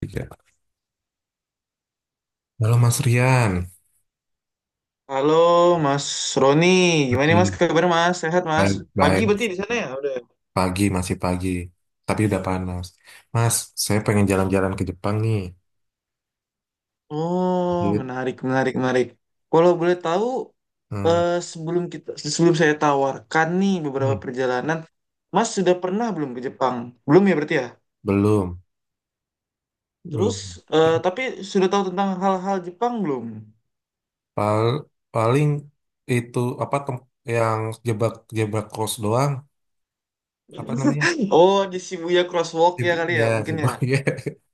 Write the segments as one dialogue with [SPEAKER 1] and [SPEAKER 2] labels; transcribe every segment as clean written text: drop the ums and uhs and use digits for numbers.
[SPEAKER 1] Tiga. Halo, Mas Rian.
[SPEAKER 2] Halo Mas Roni, gimana nih, Mas,
[SPEAKER 1] Oke.
[SPEAKER 2] kabar Mas? Sehat Mas?
[SPEAKER 1] Baik,
[SPEAKER 2] Pagi
[SPEAKER 1] baik.
[SPEAKER 2] berarti di sana ya udah, ya?
[SPEAKER 1] Pagi masih pagi, tapi udah panas. Mas, saya pengen jalan-jalan ke Jepang nih.
[SPEAKER 2] Oh,
[SPEAKER 1] Gitu.
[SPEAKER 2] menarik, menarik, menarik. Kalau boleh tahu,
[SPEAKER 1] Hmm.
[SPEAKER 2] eh, sebelum kita sebelum saya tawarkan nih beberapa
[SPEAKER 1] Hmm.
[SPEAKER 2] perjalanan, Mas sudah pernah belum ke Jepang? Belum ya berarti ya?
[SPEAKER 1] Belum,
[SPEAKER 2] Terus,
[SPEAKER 1] belum. Terus
[SPEAKER 2] tapi sudah tahu tentang hal-hal Jepang belum?
[SPEAKER 1] pal- paling itu apa yang jebak-jebak kos doang? Apa namanya?
[SPEAKER 2] Oh, di Shibuya Crosswalk ya kali ya,
[SPEAKER 1] Ya,
[SPEAKER 2] mungkin ya.
[SPEAKER 1] Shibuya.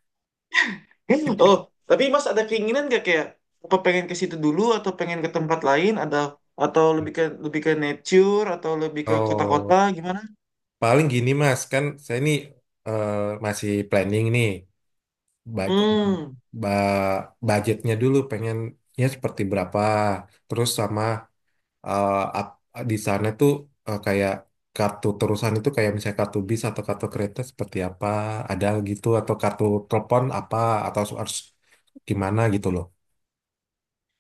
[SPEAKER 2] Oh, tapi Mas ada keinginan gak, kayak apa, pengen ke situ dulu atau pengen ke tempat lain ada, atau lebih ke nature atau lebih ke kota-kota,
[SPEAKER 1] Oh,
[SPEAKER 2] gimana?
[SPEAKER 1] paling gini, Mas. Kan saya ini eh, masih planning nih. Baca
[SPEAKER 2] Hmm.
[SPEAKER 1] ba- budgetnya dulu, pengen ya seperti berapa, terus sama eh, ap- di sana tuh kayak kartu terusan itu, kayak misalnya kartu bis atau kartu kereta seperti apa, ada gitu, atau kartu telepon apa, atau harus gimana gitu loh.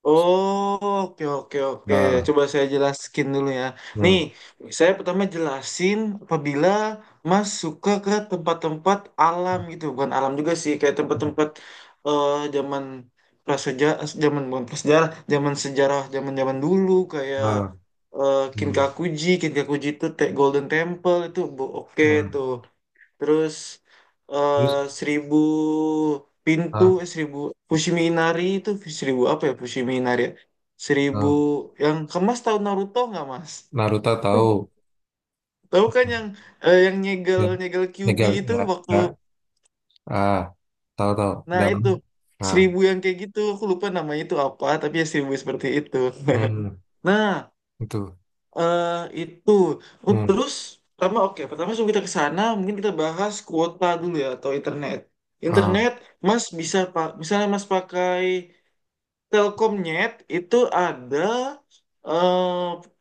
[SPEAKER 2] Oh, oke oke oke.
[SPEAKER 1] Nah.
[SPEAKER 2] Coba saya jelaskan dulu ya. Nih,
[SPEAKER 1] Hmm.
[SPEAKER 2] saya pertama jelasin apabila Mas suka ke tempat-tempat alam gitu, bukan alam juga sih, kayak
[SPEAKER 1] Hmm.
[SPEAKER 2] tempat-tempat zaman prasejarah, zaman bukan prasejarah, zaman sejarah, zaman-zaman dulu, kayak
[SPEAKER 1] Nah. Hmm.
[SPEAKER 2] Kinkakuji. Kinkakuji itu Golden Temple itu oke
[SPEAKER 1] Nah.
[SPEAKER 2] tuh. Terus eh
[SPEAKER 1] Terus.
[SPEAKER 2] seribu pintu,
[SPEAKER 1] Ah.
[SPEAKER 2] eh, seribu Fushiminari itu seribu apa ya, Fushiminari ya? Seribu
[SPEAKER 1] Ah.
[SPEAKER 2] yang kemas tahu Naruto nggak, Mas?
[SPEAKER 1] Naruto tahu.
[SPEAKER 2] Tahu kan yang yang nyegel
[SPEAKER 1] Ya,
[SPEAKER 2] nyegel Kyuubi
[SPEAKER 1] legal,
[SPEAKER 2] itu
[SPEAKER 1] ya,
[SPEAKER 2] waktu,
[SPEAKER 1] ya. Ah, tahu tahu,
[SPEAKER 2] nah
[SPEAKER 1] dalam,
[SPEAKER 2] itu
[SPEAKER 1] nah.
[SPEAKER 2] seribu yang kayak gitu, aku lupa namanya itu apa tapi ya seribu seperti itu.
[SPEAKER 1] Hmm,
[SPEAKER 2] Nah,
[SPEAKER 1] itu.
[SPEAKER 2] eh itu. Oh, terus pertama, oke, sebelum kita ke sana mungkin kita bahas kuota dulu ya, atau internet. Internet mas bisa, pak, misalnya mas pakai Telkomnet itu ada eh,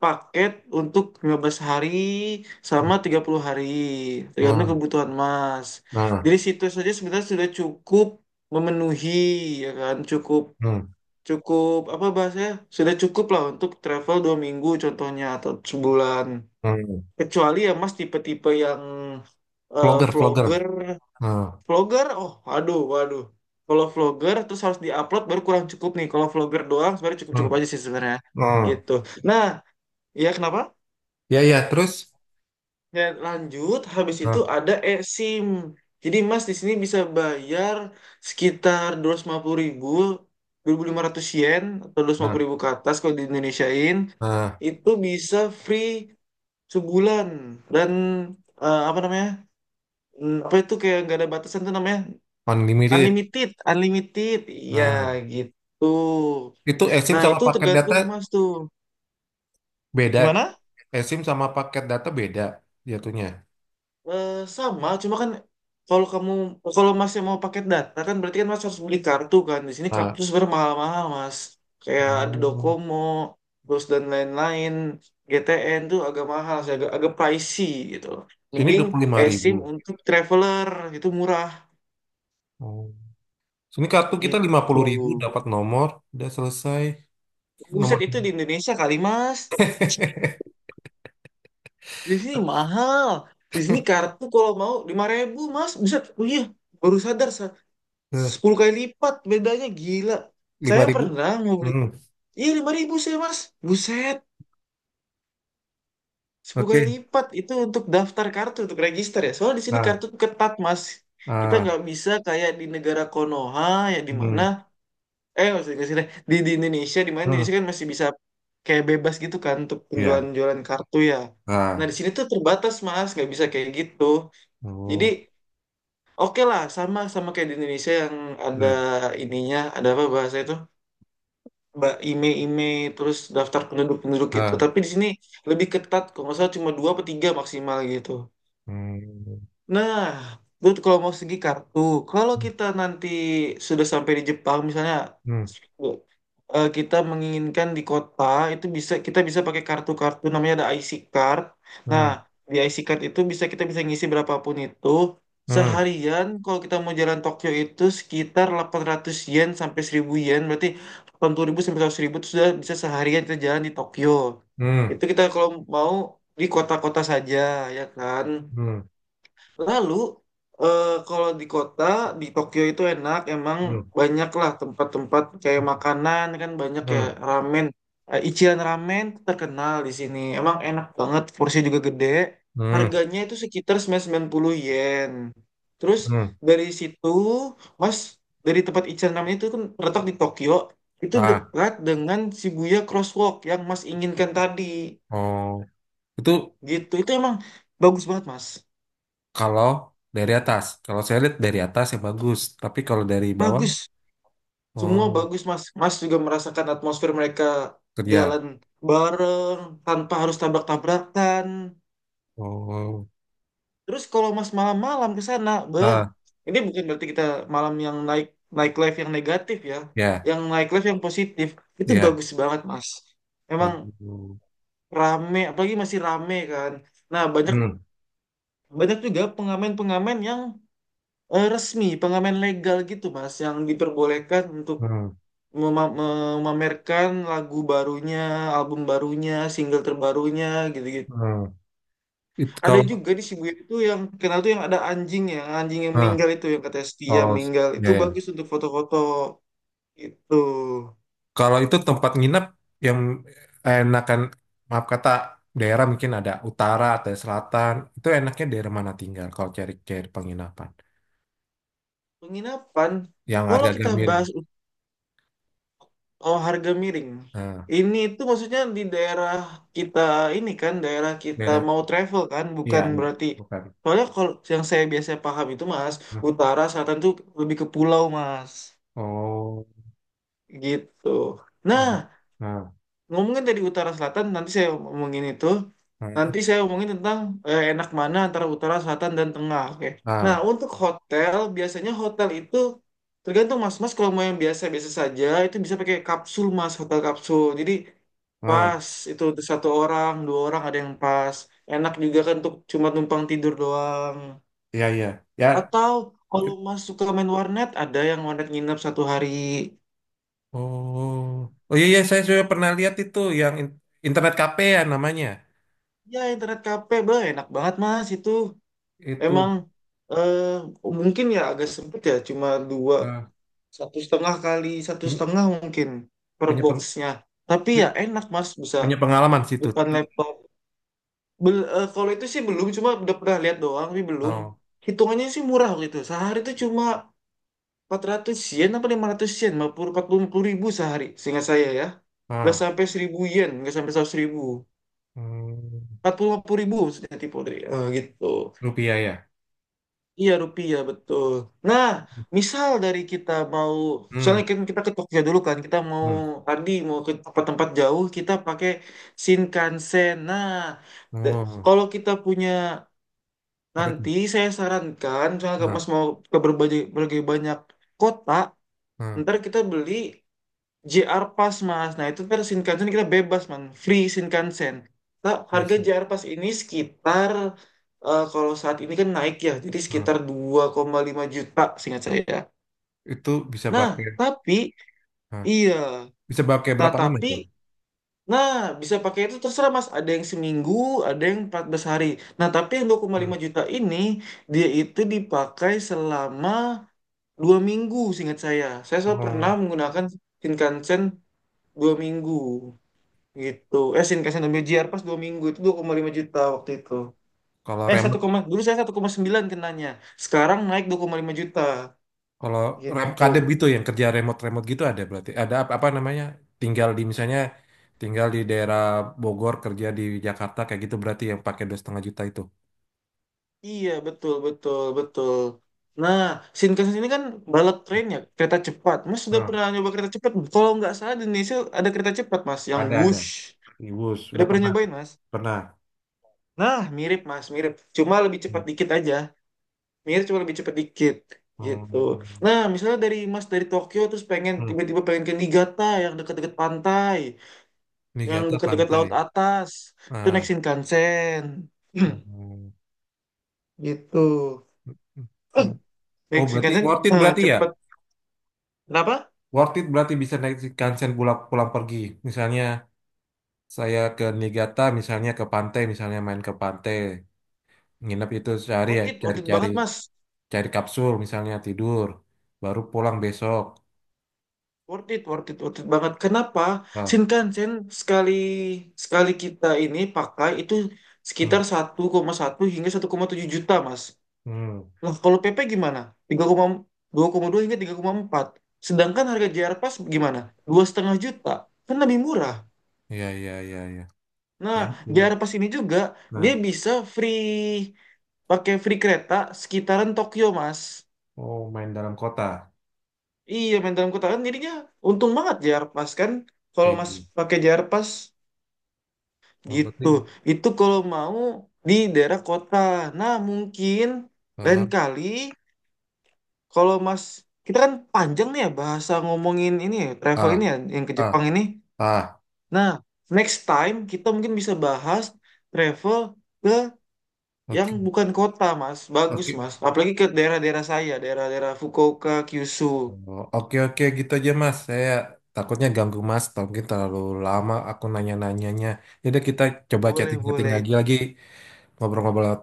[SPEAKER 2] paket untuk 15 hari sama 30 hari, tergantung kebutuhan mas.
[SPEAKER 1] うん、ああ、うん、うん、うん、うん。vlogger,
[SPEAKER 2] Dari situ saja sebenarnya sudah cukup memenuhi, ya kan, cukup, apa bahasanya, sudah cukup lah untuk travel 2 minggu contohnya, atau sebulan. Kecuali ya Mas tipe-tipe yang eh,
[SPEAKER 1] vlogger.
[SPEAKER 2] vlogger,
[SPEAKER 1] Ah.
[SPEAKER 2] vlogger. Oh aduh, waduh. Kalau vlogger terus harus diupload, baru kurang cukup nih. Kalau vlogger doang sebenarnya
[SPEAKER 1] Hmm.
[SPEAKER 2] cukup-cukup aja sih sebenarnya.
[SPEAKER 1] Hmm. Hmm.
[SPEAKER 2] Gitu. Nah, ya kenapa?
[SPEAKER 1] Ya, ya, terus?
[SPEAKER 2] Ya lanjut, habis itu
[SPEAKER 1] Ah.
[SPEAKER 2] ada eSIM. Jadi Mas di sini bisa bayar sekitar dua 250.000, 2.500 yen atau dua ratus lima
[SPEAKER 1] Ah.
[SPEAKER 2] puluh ribu ke atas kalau di Indonesiain.
[SPEAKER 1] Ah.
[SPEAKER 2] Itu bisa free sebulan dan apa namanya? Hmm, apa itu kayak nggak ada batasan tuh namanya,
[SPEAKER 1] Unlimited.
[SPEAKER 2] unlimited, unlimited, ya
[SPEAKER 1] Hmm.
[SPEAKER 2] gitu.
[SPEAKER 1] Itu eSIM
[SPEAKER 2] Nah
[SPEAKER 1] sama
[SPEAKER 2] itu
[SPEAKER 1] paket data
[SPEAKER 2] tergantung mas tuh
[SPEAKER 1] beda.
[SPEAKER 2] gimana.
[SPEAKER 1] eSIM sama paket data beda jatuhnya.
[SPEAKER 2] Eh, sama cuma kan kalau kamu, masnya mau paket data kan, berarti kan mas harus beli kartu kan, di sini kartu
[SPEAKER 1] Ah.
[SPEAKER 2] tuh sebenarnya mahal-mahal mas, kayak ada
[SPEAKER 1] Oh.
[SPEAKER 2] Docomo terus dan lain-lain. GTN tuh agak mahal sih, agak agak pricey gitu,
[SPEAKER 1] Sini
[SPEAKER 2] mending
[SPEAKER 1] 25 ribu.
[SPEAKER 2] eSIM untuk traveler itu murah
[SPEAKER 1] Oh. Sini kartu kita lima
[SPEAKER 2] gitu.
[SPEAKER 1] puluh ribu dapat nomor, udah selesai. Nomor.
[SPEAKER 2] Buset, itu di Indonesia kali mas. Di sini mahal. Di sini kartu kalau mau 5.000 mas. Bisa, oh iya, baru sadar. 10 kali lipat bedanya, gila.
[SPEAKER 1] lima
[SPEAKER 2] Saya
[SPEAKER 1] ribu.
[SPEAKER 2] pernah mau beli.
[SPEAKER 1] Hmm.
[SPEAKER 2] Iya 5.000 saya mas. Buset. Sepuluh
[SPEAKER 1] Oke.
[SPEAKER 2] kali lipat itu untuk daftar kartu, untuk register ya. Soalnya di sini
[SPEAKER 1] Ah.
[SPEAKER 2] kartu tuh ketat mas. Kita
[SPEAKER 1] Ah.
[SPEAKER 2] nggak bisa kayak di negara Konoha, ya di mana.
[SPEAKER 1] Hmm.
[SPEAKER 2] Maksudnya nggak sih, deh. Di Indonesia, di mana
[SPEAKER 1] Hmm.
[SPEAKER 2] Indonesia kan masih bisa kayak bebas gitu kan untuk
[SPEAKER 1] Ya.
[SPEAKER 2] penjualan-jualan kartu ya. Nah
[SPEAKER 1] 아.
[SPEAKER 2] di sini tuh terbatas mas, nggak bisa kayak gitu. Jadi
[SPEAKER 1] 오.
[SPEAKER 2] oke lah, sama sama kayak di Indonesia yang ada
[SPEAKER 1] 네.
[SPEAKER 2] ininya, ada apa bahasa itu? Mbak IME-IME, terus daftar penduduk-penduduk itu.
[SPEAKER 1] 네.
[SPEAKER 2] Tapi di sini lebih ketat, kalau nggak salah cuma dua atau tiga maksimal gitu.
[SPEAKER 1] 음.
[SPEAKER 2] Nah, itu kalau mau segi kartu. Kalau kita nanti sudah sampai di Jepang, misalnya
[SPEAKER 1] 음.
[SPEAKER 2] kita menginginkan di kota, itu bisa kita bisa pakai kartu-kartu namanya ada IC card. Nah,
[SPEAKER 1] 음.
[SPEAKER 2] di IC card itu bisa kita bisa ngisi berapapun itu.
[SPEAKER 1] 음.
[SPEAKER 2] Seharian kalau kita mau jalan Tokyo itu sekitar 800 yen sampai 1.000 yen, berarti 80.000 sampai 100.000 itu sudah bisa seharian kita jalan di Tokyo.
[SPEAKER 1] 음.
[SPEAKER 2] Itu
[SPEAKER 1] 음.
[SPEAKER 2] kita kalau mau di kota-kota saja, ya kan? Lalu kalau di kota, di Tokyo itu enak, emang
[SPEAKER 1] 음.
[SPEAKER 2] banyak lah tempat-tempat, kayak makanan kan banyak, kayak
[SPEAKER 1] 음.
[SPEAKER 2] ramen. Ichiran Ramen tuh terkenal di sini. Emang enak banget, porsinya juga gede.
[SPEAKER 1] 음.
[SPEAKER 2] Harganya itu sekitar 990 yen. Terus
[SPEAKER 1] 음.
[SPEAKER 2] dari situ, Mas, dari tempat Ichiran Ramen itu kan terletak di Tokyo, itu
[SPEAKER 1] 아.
[SPEAKER 2] dekat dengan Shibuya Crosswalk yang Mas inginkan tadi.
[SPEAKER 1] 어. Itu
[SPEAKER 2] Gitu. Itu emang bagus banget, Mas.
[SPEAKER 1] kalau dari atas. Kalau saya lihat dari atas ya bagus, tapi kalau dari bawah,
[SPEAKER 2] Bagus. Semua
[SPEAKER 1] oh,
[SPEAKER 2] bagus, Mas. Mas juga merasakan atmosfer mereka
[SPEAKER 1] kerja.
[SPEAKER 2] jalan bareng tanpa harus tabrak-tabrakan.
[SPEAKER 1] Oh.
[SPEAKER 2] Terus kalau Mas malam-malam ke sana, beh,
[SPEAKER 1] Ah,
[SPEAKER 2] ini bukan berarti kita malam yang naik, live yang negatif ya.
[SPEAKER 1] ya,
[SPEAKER 2] Yang naik live yang positif itu
[SPEAKER 1] ya.
[SPEAKER 2] bagus banget, Mas. Emang
[SPEAKER 1] 음.
[SPEAKER 2] rame, apalagi masih rame kan. Nah, banyak banyak juga pengamen-pengamen yang resmi, pengamen legal gitu, Mas, yang diperbolehkan untuk
[SPEAKER 1] 음.
[SPEAKER 2] memamerkan lagu barunya, album barunya, single terbarunya gitu-gitu.
[SPEAKER 1] 음. Itu
[SPEAKER 2] Ada
[SPEAKER 1] kalau
[SPEAKER 2] juga di Shibuya itu yang kenal tuh yang ada anjing ya, anjing yang
[SPEAKER 1] ah,
[SPEAKER 2] meninggal itu yang katanya setia
[SPEAKER 1] oh,
[SPEAKER 2] meninggal. Itu
[SPEAKER 1] ya, ya.
[SPEAKER 2] bagus untuk foto-foto gitu.
[SPEAKER 1] Kalau itu tempat nginep yang enakan, maaf kata, daerah mungkin ada utara atau selatan, itu enaknya daerah mana tinggal kalau cari-cari penginapan?
[SPEAKER 2] Penginapan,
[SPEAKER 1] Yang
[SPEAKER 2] kalau
[SPEAKER 1] harga-harga
[SPEAKER 2] kita
[SPEAKER 1] miring.
[SPEAKER 2] bahas, oh, harga miring.
[SPEAKER 1] Nah,
[SPEAKER 2] Ini itu maksudnya di daerah kita ini kan, daerah kita
[SPEAKER 1] daerah,
[SPEAKER 2] mau travel kan,
[SPEAKER 1] iya,
[SPEAKER 2] bukan
[SPEAKER 1] iya,
[SPEAKER 2] berarti.
[SPEAKER 1] bukan.
[SPEAKER 2] Soalnya kalau yang saya biasa paham itu Mas,
[SPEAKER 1] Nah.
[SPEAKER 2] utara, selatan tuh lebih ke pulau Mas.
[SPEAKER 1] Oh,
[SPEAKER 2] Gitu.
[SPEAKER 1] baik.
[SPEAKER 2] Nah,
[SPEAKER 1] Nah.
[SPEAKER 2] ngomongin dari utara selatan, nanti saya ngomongin itu.
[SPEAKER 1] Nah.
[SPEAKER 2] Nanti saya ngomongin tentang enak mana antara utara, selatan, dan tengah. Oke. Nah,
[SPEAKER 1] Nah.
[SPEAKER 2] untuk hotel, biasanya hotel itu tergantung mas. Mas kalau mau yang biasa-biasa saja, itu bisa pakai kapsul mas, hotel kapsul. Jadi
[SPEAKER 1] Nah,
[SPEAKER 2] pas itu untuk satu orang, dua orang ada yang pas. Enak juga kan untuk cuma numpang tidur doang.
[SPEAKER 1] iya, iya. Ya.
[SPEAKER 2] Atau kalau
[SPEAKER 1] cu-
[SPEAKER 2] mas suka main warnet, ada yang warnet nginep satu hari.
[SPEAKER 1] oh, oh iya, iya, saya sudah pernah lihat itu yang internet cafe ya namanya.
[SPEAKER 2] Ya, internet kafe, bah, enak banget mas itu.
[SPEAKER 1] Itu,
[SPEAKER 2] Emang eh, mungkin ya agak sempit ya, cuma
[SPEAKER 1] ah,
[SPEAKER 2] satu setengah kali satu
[SPEAKER 1] punya,
[SPEAKER 2] setengah mungkin per
[SPEAKER 1] punya, peng-
[SPEAKER 2] boxnya. Tapi ya enak mas, bisa
[SPEAKER 1] punya pengalaman situ.
[SPEAKER 2] depan laptop. Kalau itu sih belum, cuma udah pernah lihat doang, tapi belum.
[SPEAKER 1] Oh.
[SPEAKER 2] Hitungannya sih murah gitu. Sehari itu cuma 400 yen apa 500 yen, 40.000 sehari, seingat saya ya. Nggak
[SPEAKER 1] Ah.
[SPEAKER 2] sampai 1.000 yen, nggak sampai 100 ribu.
[SPEAKER 1] Hmm,
[SPEAKER 2] Empat puluh lima puluh ribu, maksudnya tipe dari, gitu.
[SPEAKER 1] rupiah ya.
[SPEAKER 2] Iya rupiah betul. Nah, misal dari kita mau,
[SPEAKER 1] Hmm.
[SPEAKER 2] soalnya kan kita ke Tokyo dulu kan, kita mau
[SPEAKER 1] Hmm.
[SPEAKER 2] tadi mau ke tempat-tempat jauh, kita pakai Shinkansen. Nah, de-
[SPEAKER 1] Oh,
[SPEAKER 2] kalau kita punya
[SPEAKER 1] apa itu?
[SPEAKER 2] nanti, saya sarankan, soalnya
[SPEAKER 1] Nah.
[SPEAKER 2] Mas mau ke berbagai banyak kota,
[SPEAKER 1] Nah,
[SPEAKER 2] ntar kita beli JR Pass mas. Nah itu versi Shinkansen kita bebas man, free Shinkansen. Nah, harga
[SPEAKER 1] bisa.
[SPEAKER 2] JR Pass ini sekitar, kalau saat ini kan naik ya, jadi
[SPEAKER 1] Nah,
[SPEAKER 2] sekitar 2,5 juta seingat saya.
[SPEAKER 1] itu bisa
[SPEAKER 2] Nah
[SPEAKER 1] pakai.
[SPEAKER 2] tapi
[SPEAKER 1] Nah,
[SPEAKER 2] iya,
[SPEAKER 1] bisa pakai
[SPEAKER 2] nah
[SPEAKER 1] berapa lama
[SPEAKER 2] tapi
[SPEAKER 1] itu?
[SPEAKER 2] nah bisa pakai itu terserah mas. Ada yang seminggu, ada yang 14 hari. Nah tapi yang dua koma
[SPEAKER 1] Hmm.
[SPEAKER 2] lima juta ini dia itu dipakai selama 2 minggu seingat saya. Saya soal pernah
[SPEAKER 1] Oh,
[SPEAKER 2] menggunakan Shinkansen 2 minggu. Gitu, Shinkansen dan BJR pas 2 minggu itu 2,5 juta waktu itu.
[SPEAKER 1] kalau
[SPEAKER 2] 1,
[SPEAKER 1] remote,
[SPEAKER 2] dulu saya 1,9 kenanya, sekarang naik 2,5 juta
[SPEAKER 1] kalau rem
[SPEAKER 2] gitu.
[SPEAKER 1] kadep gitu yang kerja remote-remote gitu ada berarti. Ada apa, apa namanya? Tinggal di misalnya tinggal di daerah Bogor, kerja di Jakarta kayak gitu, berarti yang pakai 2,5 juta itu.
[SPEAKER 2] Iya betul betul betul. Nah, Shinkansen ini kan bullet train ya, kereta cepat mas. Sudah
[SPEAKER 1] Nah,
[SPEAKER 2] pernah nyoba kereta cepat, kalau nggak salah di Indonesia ada kereta cepat mas yang
[SPEAKER 1] ada ada.
[SPEAKER 2] Wush,
[SPEAKER 1] Iwus,
[SPEAKER 2] udah
[SPEAKER 1] udah
[SPEAKER 2] pernah
[SPEAKER 1] pernah
[SPEAKER 2] nyobain mas.
[SPEAKER 1] pernah.
[SPEAKER 2] Nah mirip mas, mirip, cuma lebih cepat
[SPEAKER 1] Hmm.
[SPEAKER 2] dikit aja. Mikir cuma lebih cepet dikit gitu.
[SPEAKER 1] Hmm.
[SPEAKER 2] Nah, misalnya dari Tokyo terus pengen,
[SPEAKER 1] Hmm.
[SPEAKER 2] tiba-tiba pengen ke Niigata yang dekat-dekat pantai,
[SPEAKER 1] Ini
[SPEAKER 2] yang
[SPEAKER 1] kata
[SPEAKER 2] dekat-dekat
[SPEAKER 1] pantai.
[SPEAKER 2] laut atas, itu naik
[SPEAKER 1] Nah.
[SPEAKER 2] Shinkansen.
[SPEAKER 1] Hmm.
[SPEAKER 2] Gitu.
[SPEAKER 1] Hmm. Hmm.
[SPEAKER 2] Eh,
[SPEAKER 1] Oh,
[SPEAKER 2] Naik
[SPEAKER 1] berarti
[SPEAKER 2] Shinkansen,
[SPEAKER 1] worth it berarti ya?
[SPEAKER 2] cepet. Kenapa?
[SPEAKER 1] Worth it berarti bisa naik Shinkansen pulang pulang pergi. Misalnya saya ke Niigata, misalnya ke pantai, misalnya main ke pantai, nginep itu sehari ya,
[SPEAKER 2] Worth it
[SPEAKER 1] cari-cari
[SPEAKER 2] banget, Mas.
[SPEAKER 1] kapsul misalnya tidur, baru pulang besok.
[SPEAKER 2] Worth it, worth it, worth it banget. Kenapa?
[SPEAKER 1] Ah.
[SPEAKER 2] Shinkansen sekali sekali kita ini pakai itu
[SPEAKER 1] Hmm.
[SPEAKER 2] sekitar 1,1 hingga 1,7 juta, Mas.
[SPEAKER 1] Hmm,
[SPEAKER 2] Nah, kalau PP gimana? 3,2, 2,2 hingga 3,4. Sedangkan harga JR Pass gimana? 2,5 juta. Kan lebih murah.
[SPEAKER 1] iya iya iya iya, ya
[SPEAKER 2] Nah,
[SPEAKER 1] itu.
[SPEAKER 2] JR Pass ini juga dia
[SPEAKER 1] Nah,
[SPEAKER 2] bisa free, pakai free kereta sekitaran Tokyo, Mas.
[SPEAKER 1] oh, main dalam kota.
[SPEAKER 2] Iya, main dalam kota kan jadinya untung banget JR Pass kan kalau
[SPEAKER 1] Eh,
[SPEAKER 2] Mas pakai JR Pass
[SPEAKER 1] oh, berarti
[SPEAKER 2] gitu. Itu kalau mau di daerah kota. Nah, mungkin lain
[SPEAKER 1] ah
[SPEAKER 2] kali, kalau Mas, kita kan panjang nih ya bahasa ngomongin ini ya, travel ini
[SPEAKER 1] ah
[SPEAKER 2] ya, yang ke
[SPEAKER 1] ah
[SPEAKER 2] Jepang ini.
[SPEAKER 1] ah,
[SPEAKER 2] Nah, next time kita mungkin bisa bahas travel ke yang
[SPEAKER 1] oke
[SPEAKER 2] bukan kota, Mas. Bagus,
[SPEAKER 1] oke.
[SPEAKER 2] Mas. Apalagi ke daerah-daerah saya, daerah-daerah Fukuoka, Kyushu.
[SPEAKER 1] Oh, oke oke gitu aja, Mas. Saya takutnya ganggu Mas. Atau mungkin terlalu lama aku nanya-nanyanya. Jadi kita coba
[SPEAKER 2] Boleh,
[SPEAKER 1] chatting-chatting
[SPEAKER 2] boleh.
[SPEAKER 1] lagi ngobrol-ngobrol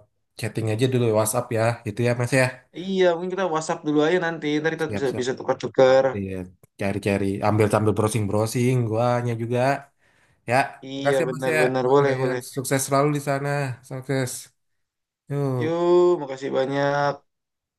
[SPEAKER 1] chatting aja dulu WhatsApp ya. Itu ya, Mas ya.
[SPEAKER 2] Iya, mungkin kita WhatsApp dulu aja nanti. Ntar kita bisa
[SPEAKER 1] Siap-siap.
[SPEAKER 2] bisa
[SPEAKER 1] Ah,
[SPEAKER 2] tukar-tukar.
[SPEAKER 1] iya. Cari-cari ambil sambil browsing-browsing. Guanya juga. Ya.
[SPEAKER 2] Iya,
[SPEAKER 1] Makasih ya, Mas ya.
[SPEAKER 2] benar-benar.
[SPEAKER 1] Mas
[SPEAKER 2] Boleh,
[SPEAKER 1] Ryan,
[SPEAKER 2] boleh.
[SPEAKER 1] sukses selalu di sana. Sukses. Yuk.
[SPEAKER 2] Yuk, makasih banyak.